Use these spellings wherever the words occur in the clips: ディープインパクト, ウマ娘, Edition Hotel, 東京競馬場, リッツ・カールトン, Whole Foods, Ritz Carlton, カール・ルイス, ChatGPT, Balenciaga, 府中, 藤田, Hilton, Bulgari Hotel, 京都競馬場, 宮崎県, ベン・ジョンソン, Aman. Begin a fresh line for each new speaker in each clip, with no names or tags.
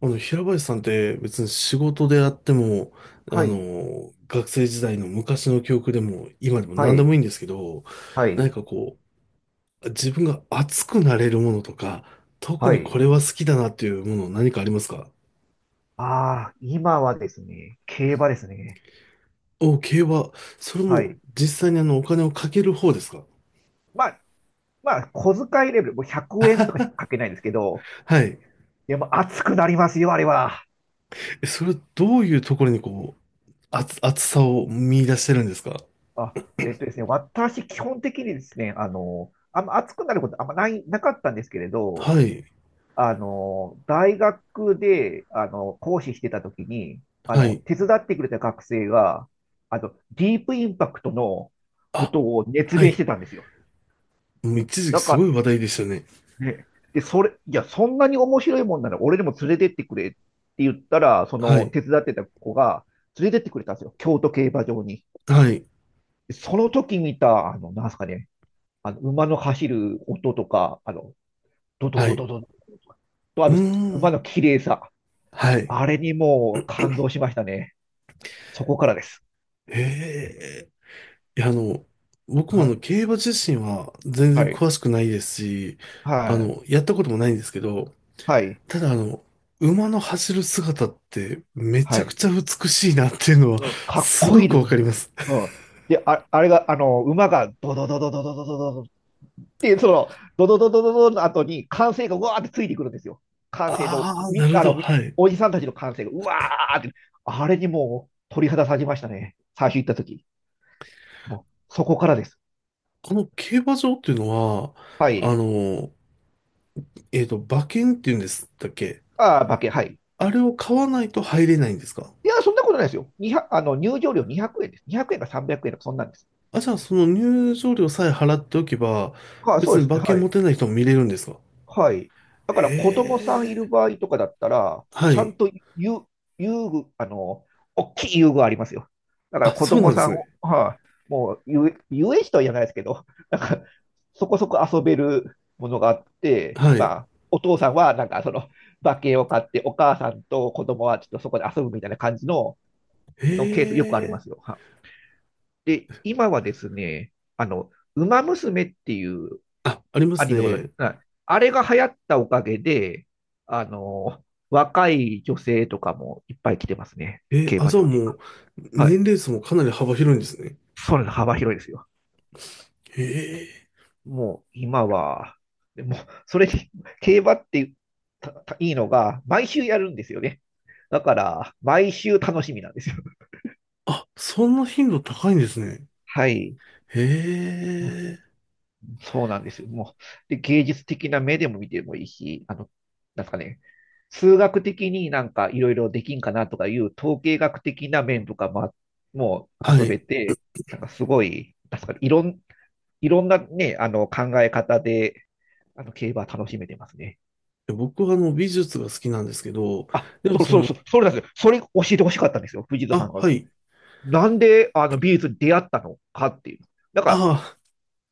平林さんって別に仕事であっても、
はい、
学生時代の昔の記憶でも、今でも
は
何で
い、
もいいんですけど、
は
何
い、
か自分が熱くなれるものとか、特
は
にこ
い。
れは好きだなっていうもの何かありますか？
ああ、今はですね、競馬ですね。
お、競馬。それ
は
も
い。
実際にお金をかける方ですか？
まあ、まあ、小遣いレベル、もう100円とかしかかけないんですけど、
はい。
でも熱くなりますよ、あれは。
それどういうところに熱さを見出してるんですか？
あ、えっとですね、私、基本的にですね、あんま熱くなることあんまない、なかったんですけれど、
はい。
大学で、講師してた時に、
はい。
手伝ってくれた学生が、ディープインパクトのこ
あ、
とを熱
は
弁し
い。
てたんですよ。
もう
うん。
一時期
だ
す
か
ご
ら
い話題でしたね。
で、で、それ、いや、そんなに面白いもんなら俺にも連れてってくれって言ったら、そ
は
の
い。
手伝ってた子が連れてってくれたんですよ。京都競馬場に。
はい。
でその時見た、なんすかね、馬の走る音とか、ドド
は
ド
い。
ドドドと、あ
う
と、
ー
馬の
ん。
綺麗さ。
はい。
あれにもう感動しましたね。そこからです。
ええ。いや、僕も
はい。
競馬自身は全然
はい。
詳しくないですし、
はい。
やったこともないんですけど、
はい。
ただ馬の走る姿ってめち
は
ゃく
い。
ちゃ美しいなっていうのは
うん。かっ
す
こい
ご
い
く
です。
わ
う
かります。
ん。で、あ、あれが、あの、馬がドドドドドドドドドで、ドドドドドドの後に歓声がうわーってついてくるんですよ。歓声の、
ああ、な
み
るほ
あの、
ど。
み
はい。
おじさんたちの歓声がうわーって、あれにもう鳥肌立ちましたね。最初行った時。もう、そこからです。
この競馬場っていうのは、
は
あ
い。
の、馬券っていうんですだっけ？
ああ、馬券、はい。
あれを買わないと入れないんですか？
いや、そんなことないですよ。2 0あの、入場料200円です。200円か300円か、そんなんです。
あ、じゃあ、その入場料さえ払っておけば、
ああ、そ
別
うで
に
すね。
馬券
は
持
い。
てない人も見れるんですか？
はい。だ
へ
から子供さんいる
え。
場合とかだったら、
は
ちゃん
い。
と遊、遊具、大きい遊具ありますよ。だから
あ、
子
そうなん
供
で
さ
す
ん
ね。
を、はい、もう遊園地とは言わないですけど、なんかそこそこ遊べるものがあって、
は
ま
い。
あ、お父さんはなんかその馬券を買って、お母さんと子供はちょっとそこで遊ぶみたいな感じの、
へ
のケースよくありま
え。
すよ。で、今はですね、ウマ娘っていう
あ、ありま
ア
す
ニメござい
ね。
ます。あれが流行ったおかげで、あの、若い女性とかもいっぱい来てますね。
え、
競
あ、
馬
じゃあ
場に。
もう、
はい。
年齢層もかなり幅広いんですね。
それの幅広いですよ。
へえ。
もう今は、でもうそれに、競馬ってたたいいのが、毎週やるんですよね。だから、毎週楽しみなんですよ。
あ、そんな頻度高いんですね。
はい。
へえ。
そうなんですよ。もう、で、芸術的な目でも見てもいいし、なんすかね、数学的になんかいろいろできんかなとかいう統計学的な面とかも、もう
は
遊べ
い。
て、なんかすごい、なんすかね、いろんなね、考え方で、競馬楽しめてますね。
僕は美術が好きなんですけど、でも
そうそうそう、それなんですよ。それ教えてほしかったんですよ、藤田さ
あ、
んが。
はい。
なんで、美術に出会ったのかっていう。なんか、
あ、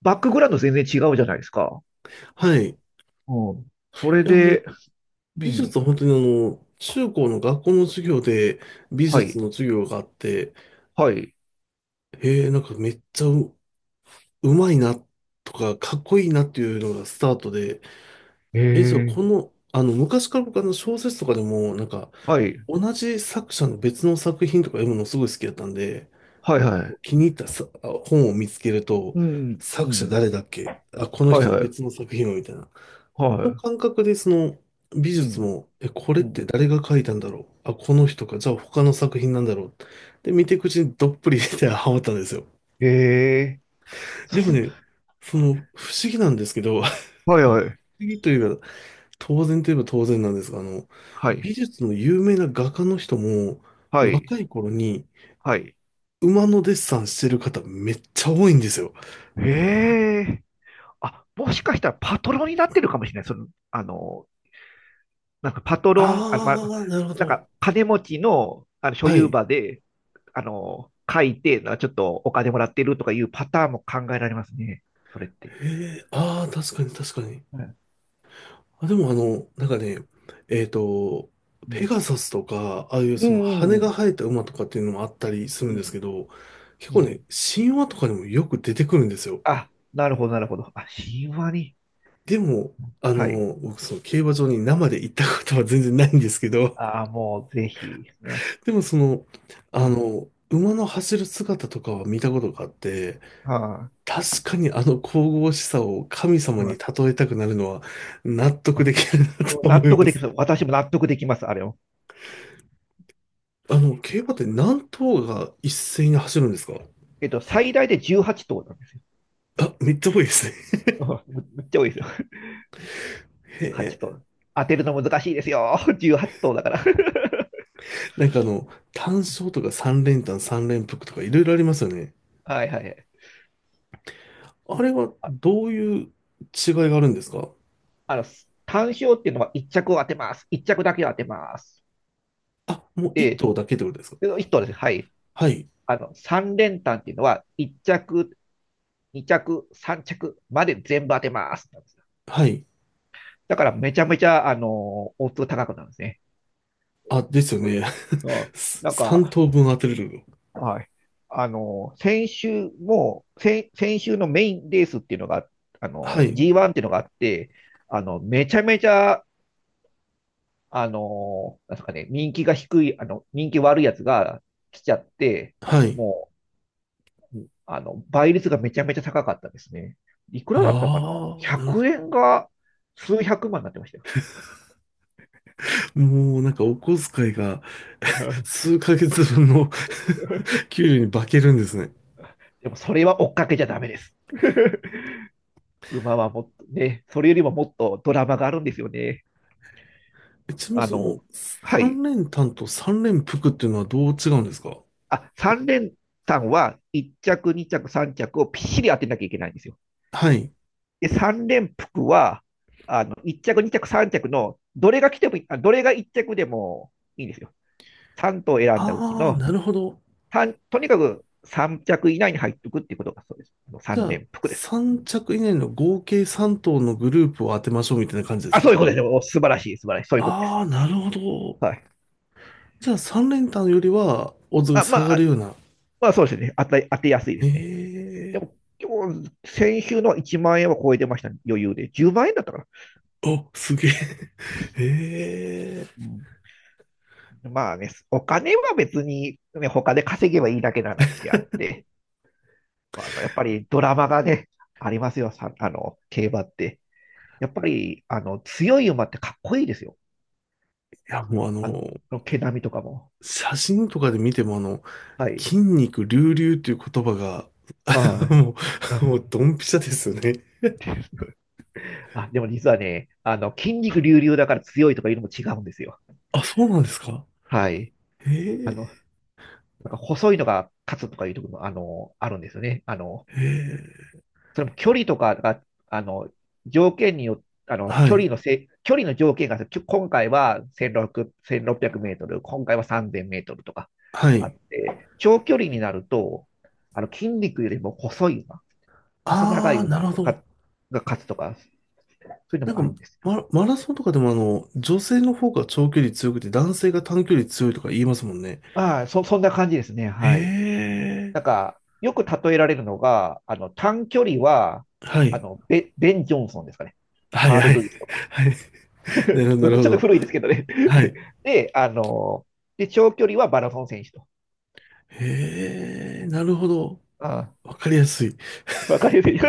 バックグラウンド全然違うじゃないですか。
はい。い
うん。それ
や、もう、
で、う
美術
ん。
は本当に中高の学校の授業で美
は
術
い。
の授業があって、
はい。
なんかめっちゃう、うまいなとか、かっこいいなっていうのがスタートで、
え
じゃあ
え、
昔から僕小説とかでも、なんか、
はい。
同じ作者の別の作品とか読むのすごい好きだったんで、
はい、はい。
気に入った本を見つけると、
うん、う
作者
ん、
誰だっけこの
はい、
人の
は
別
い。
の作品をみたいな。
は
の
い。
感覚でその美
う
術
ん、
も、え、これっ
う
て
ん。
誰が描いたんだろう。あ、この人か。じゃあ他の作品なんだろう。で、見ていくうちにどっぷりでハマったんですよ。
ええ、
でも
そ、
ね、不思議なんですけど、不思
はい、
議というか当然といえば当然なんですが、
はい。
美術の有名な画家の人も
はい。はい。
若い頃に
はい。
馬のデッサンしてる方めっちゃ多いんですよ。
ええ、あ、もしかしたらパトロンになってるかもしれない。なんかパトロン、あ、まあ、
あー、なるほ
なん
ど。
か金持ちの、所
は
有
い。
場で、書いて、ちょっとお金もらってるとかいうパターンも考えられますね。それって。
へえ、あー、確かに確かに。
うん、
あ、でもなんかね、えっと、
う
ペ
ん、
ガサスとか、ああいう
う
その羽が
ん、
生えた馬とかっていうのもあったりす
う
るんですけ
ん、
ど、結
う
構ね、
ん。
神話とかにもよく出てくるんですよ。
あ、なるほど、なるほど。あ、神話に。
でも、
はい。
僕その競馬場に生で行ったことは全然ないんですけど、
ああ、もうぜひ。あ
でも
うん。
馬の走る姿とかは見たことがあって、
は
確かにあの神々しさを神
い。
様
は
に例
い。
えたくなるのは納得
あ、
できるなと思
納
い
得
ま
でき
す。
ます。私も納得できます、あれを。
競馬って何頭が一斉に走るんですか？
最大で18頭なんですよ。
あ、めっちゃ多いですね。
うん。むっちゃ多いですよ。
へ
18
え。
頭。当てるの難しいですよ。18頭だから。
なんか単勝とか三連単、三連複とかいろいろありますよね。
はいはいはい。
あれは
あ、
どういう違いがあるんですか？
あの、単勝っていうのは1着を当てます。1着だけを当てます。
あ、もう一
で、
頭だけってことですか？
1頭です。はい。
はい。
3連単っていうのは1着2着、3着まで全部当てます。
はい。
だからめちゃめちゃ、オッズ高くなるんですね。
あ、ですよ
これ
ね。
なん
三
か、
頭分当てれるの。
はい。先週も、先週のメインレースっていうのが、
はい。
G1 っていうのがあって、めちゃめちゃ、なんですかね、人気が低い、人気悪いやつが来ちゃって、
はい。
もう、倍率がめちゃめちゃ高かったですね。いくら
あ
だったかな？
あ、なるほ
100 円が数百万になってましたよ。
ど。もうなんかお小遣いが
で
数ヶ月分の 給料に化けるんですね。
もそれは追っかけちゃダメです。馬はもっとね、それよりももっとドラマがあるんですよね。
ちなみに
あの、はい。
三連単と三連複っていうのはどう違うんですか？
あ、3連単は1着、2着、3着をぴっしり当てなきゃいけないんですよ。
はい。
で、3連服は、1着、2着、3着の、どれが来てもいい、あ、どれが1着でもいいんですよ。さん頭選んだうち
ああ、
の、
なるほど。
とにかく3着以内に入っておくっていうことがそうです。
じゃ
三
あ、
連服です。
三着以内の合計三頭のグループを当てましょうみたいな感じです
あ、
か？
そういうことです。お素晴らしい、素晴らしい。そういうことで
あ
す。
あー、なるほど。
はい。
じゃあ、三連単よりは、オッズが
あ
下
ま
がる
あ、
ような。
まあそうですね。当てやすいで
え
すね。で
え。
も、先週の1万円は超えてましたね。余裕で。10万円だったかな。
お、すげえ。え
う
え。
ん、まあね、お金は別に、ね、他で稼げばいいだけの話であって、まあ、やっぱりドラマがね、ありますよ。さ、あの、競馬って。やっぱり、強い馬ってかっこいいですよ。
いや、もう
あの、毛並みとかも。
写真とかで見ても
はい。
筋肉隆々っていう言葉が、あ
は
の
い。
も
あ、
もうドンピシャですよね。
で でも実はね、筋肉隆々だから強いとかいうのも違うんですよ。
あ、そうなんですか。
はい。
へ
あの、
え、
なんか細いのが勝つとかいうところも、あるんですよね。
へえ、
それも距離とかが、あの、条件によって、
はい、
距離の条件が、今回は1600、1 6メートル、今回は3000メートルとか
は
あ
い。
って、長距離になると、筋肉よりも細い馬、細長い
ああ、なる
馬
ほ
が、
ど。
が勝つとか、そういうの
なん
もあるん
か、
ですよ。
マラソンとかでも女性の方が長距離強くて男性が短距離強いとか言いますもんね。
ああ、そんな感じですね。
へ
はい。
え、
なんか、よく例えられるのが、短距離は、
はい、
ベン・ジョンソンですかね。
はい、
カー
は
ル・
い、
ルイスとか。
はい。なるほど、なる
僕
ほ
ちょっと
ど。
古いですけどね。
はい。
で、あの、で、長距離はマラソン選手と。う
へえ、な
ん。
るほど。
あ
わかりやすい。い
あ、わかりやすい。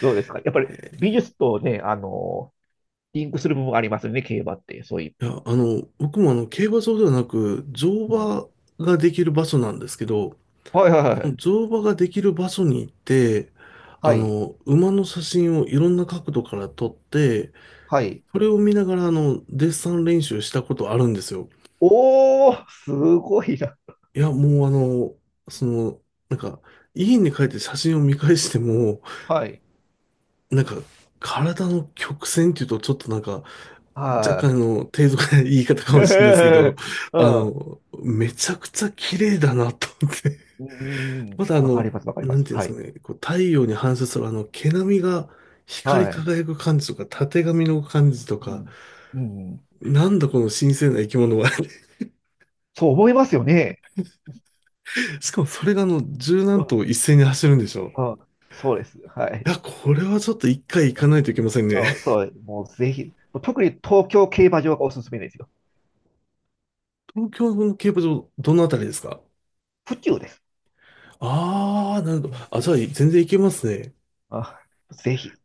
どうですか、やっぱり美術とね、リンクする部分ありますよね、競馬って。そういう。
や、僕も競馬場ではなく、乗
うん。
馬ができる場所なんですけど、
はいはいはい。
乗馬ができる場所に行って、
はい。
馬の写真をいろんな角度から撮って、
はい。
それを見ながら、デッサン練習したことあるんですよ。
おー、すごいな。
いや、もうその、なんか、家に帰って写真を見返しても、
はい。
なんか、体の曲線っていうと、ちょっとなんか、若干
は
低俗な言い方
い。
か もしれないですけど、
うん。
めちゃくちゃ綺麗だなと思って
うんうんう
ま
ん。
だ
わかります、わかり
な
ま
ん
す。
ていうんで
は
す
い。
かね、太陽に反射するあの毛並みが光り
はい。
輝く感じとか、たてがみの感じと
う
か、
ん。うん。
なんだこの神聖な生き物は。
そう思いますよね。
しかもそれが十
う
何頭
ん。
一斉に走るんでしょ。
あ、そうです。は
い
い。
や、これはちょっと一回行
あ、
かないといけませんね。
あ そう、もうぜひ、特に東京競馬場がおすすめですよ。
東京の競馬場、どのあたりですか？
府中です。
ああー、なるほど。あ、じゃあ全然行けますね。
あ、ぜひ。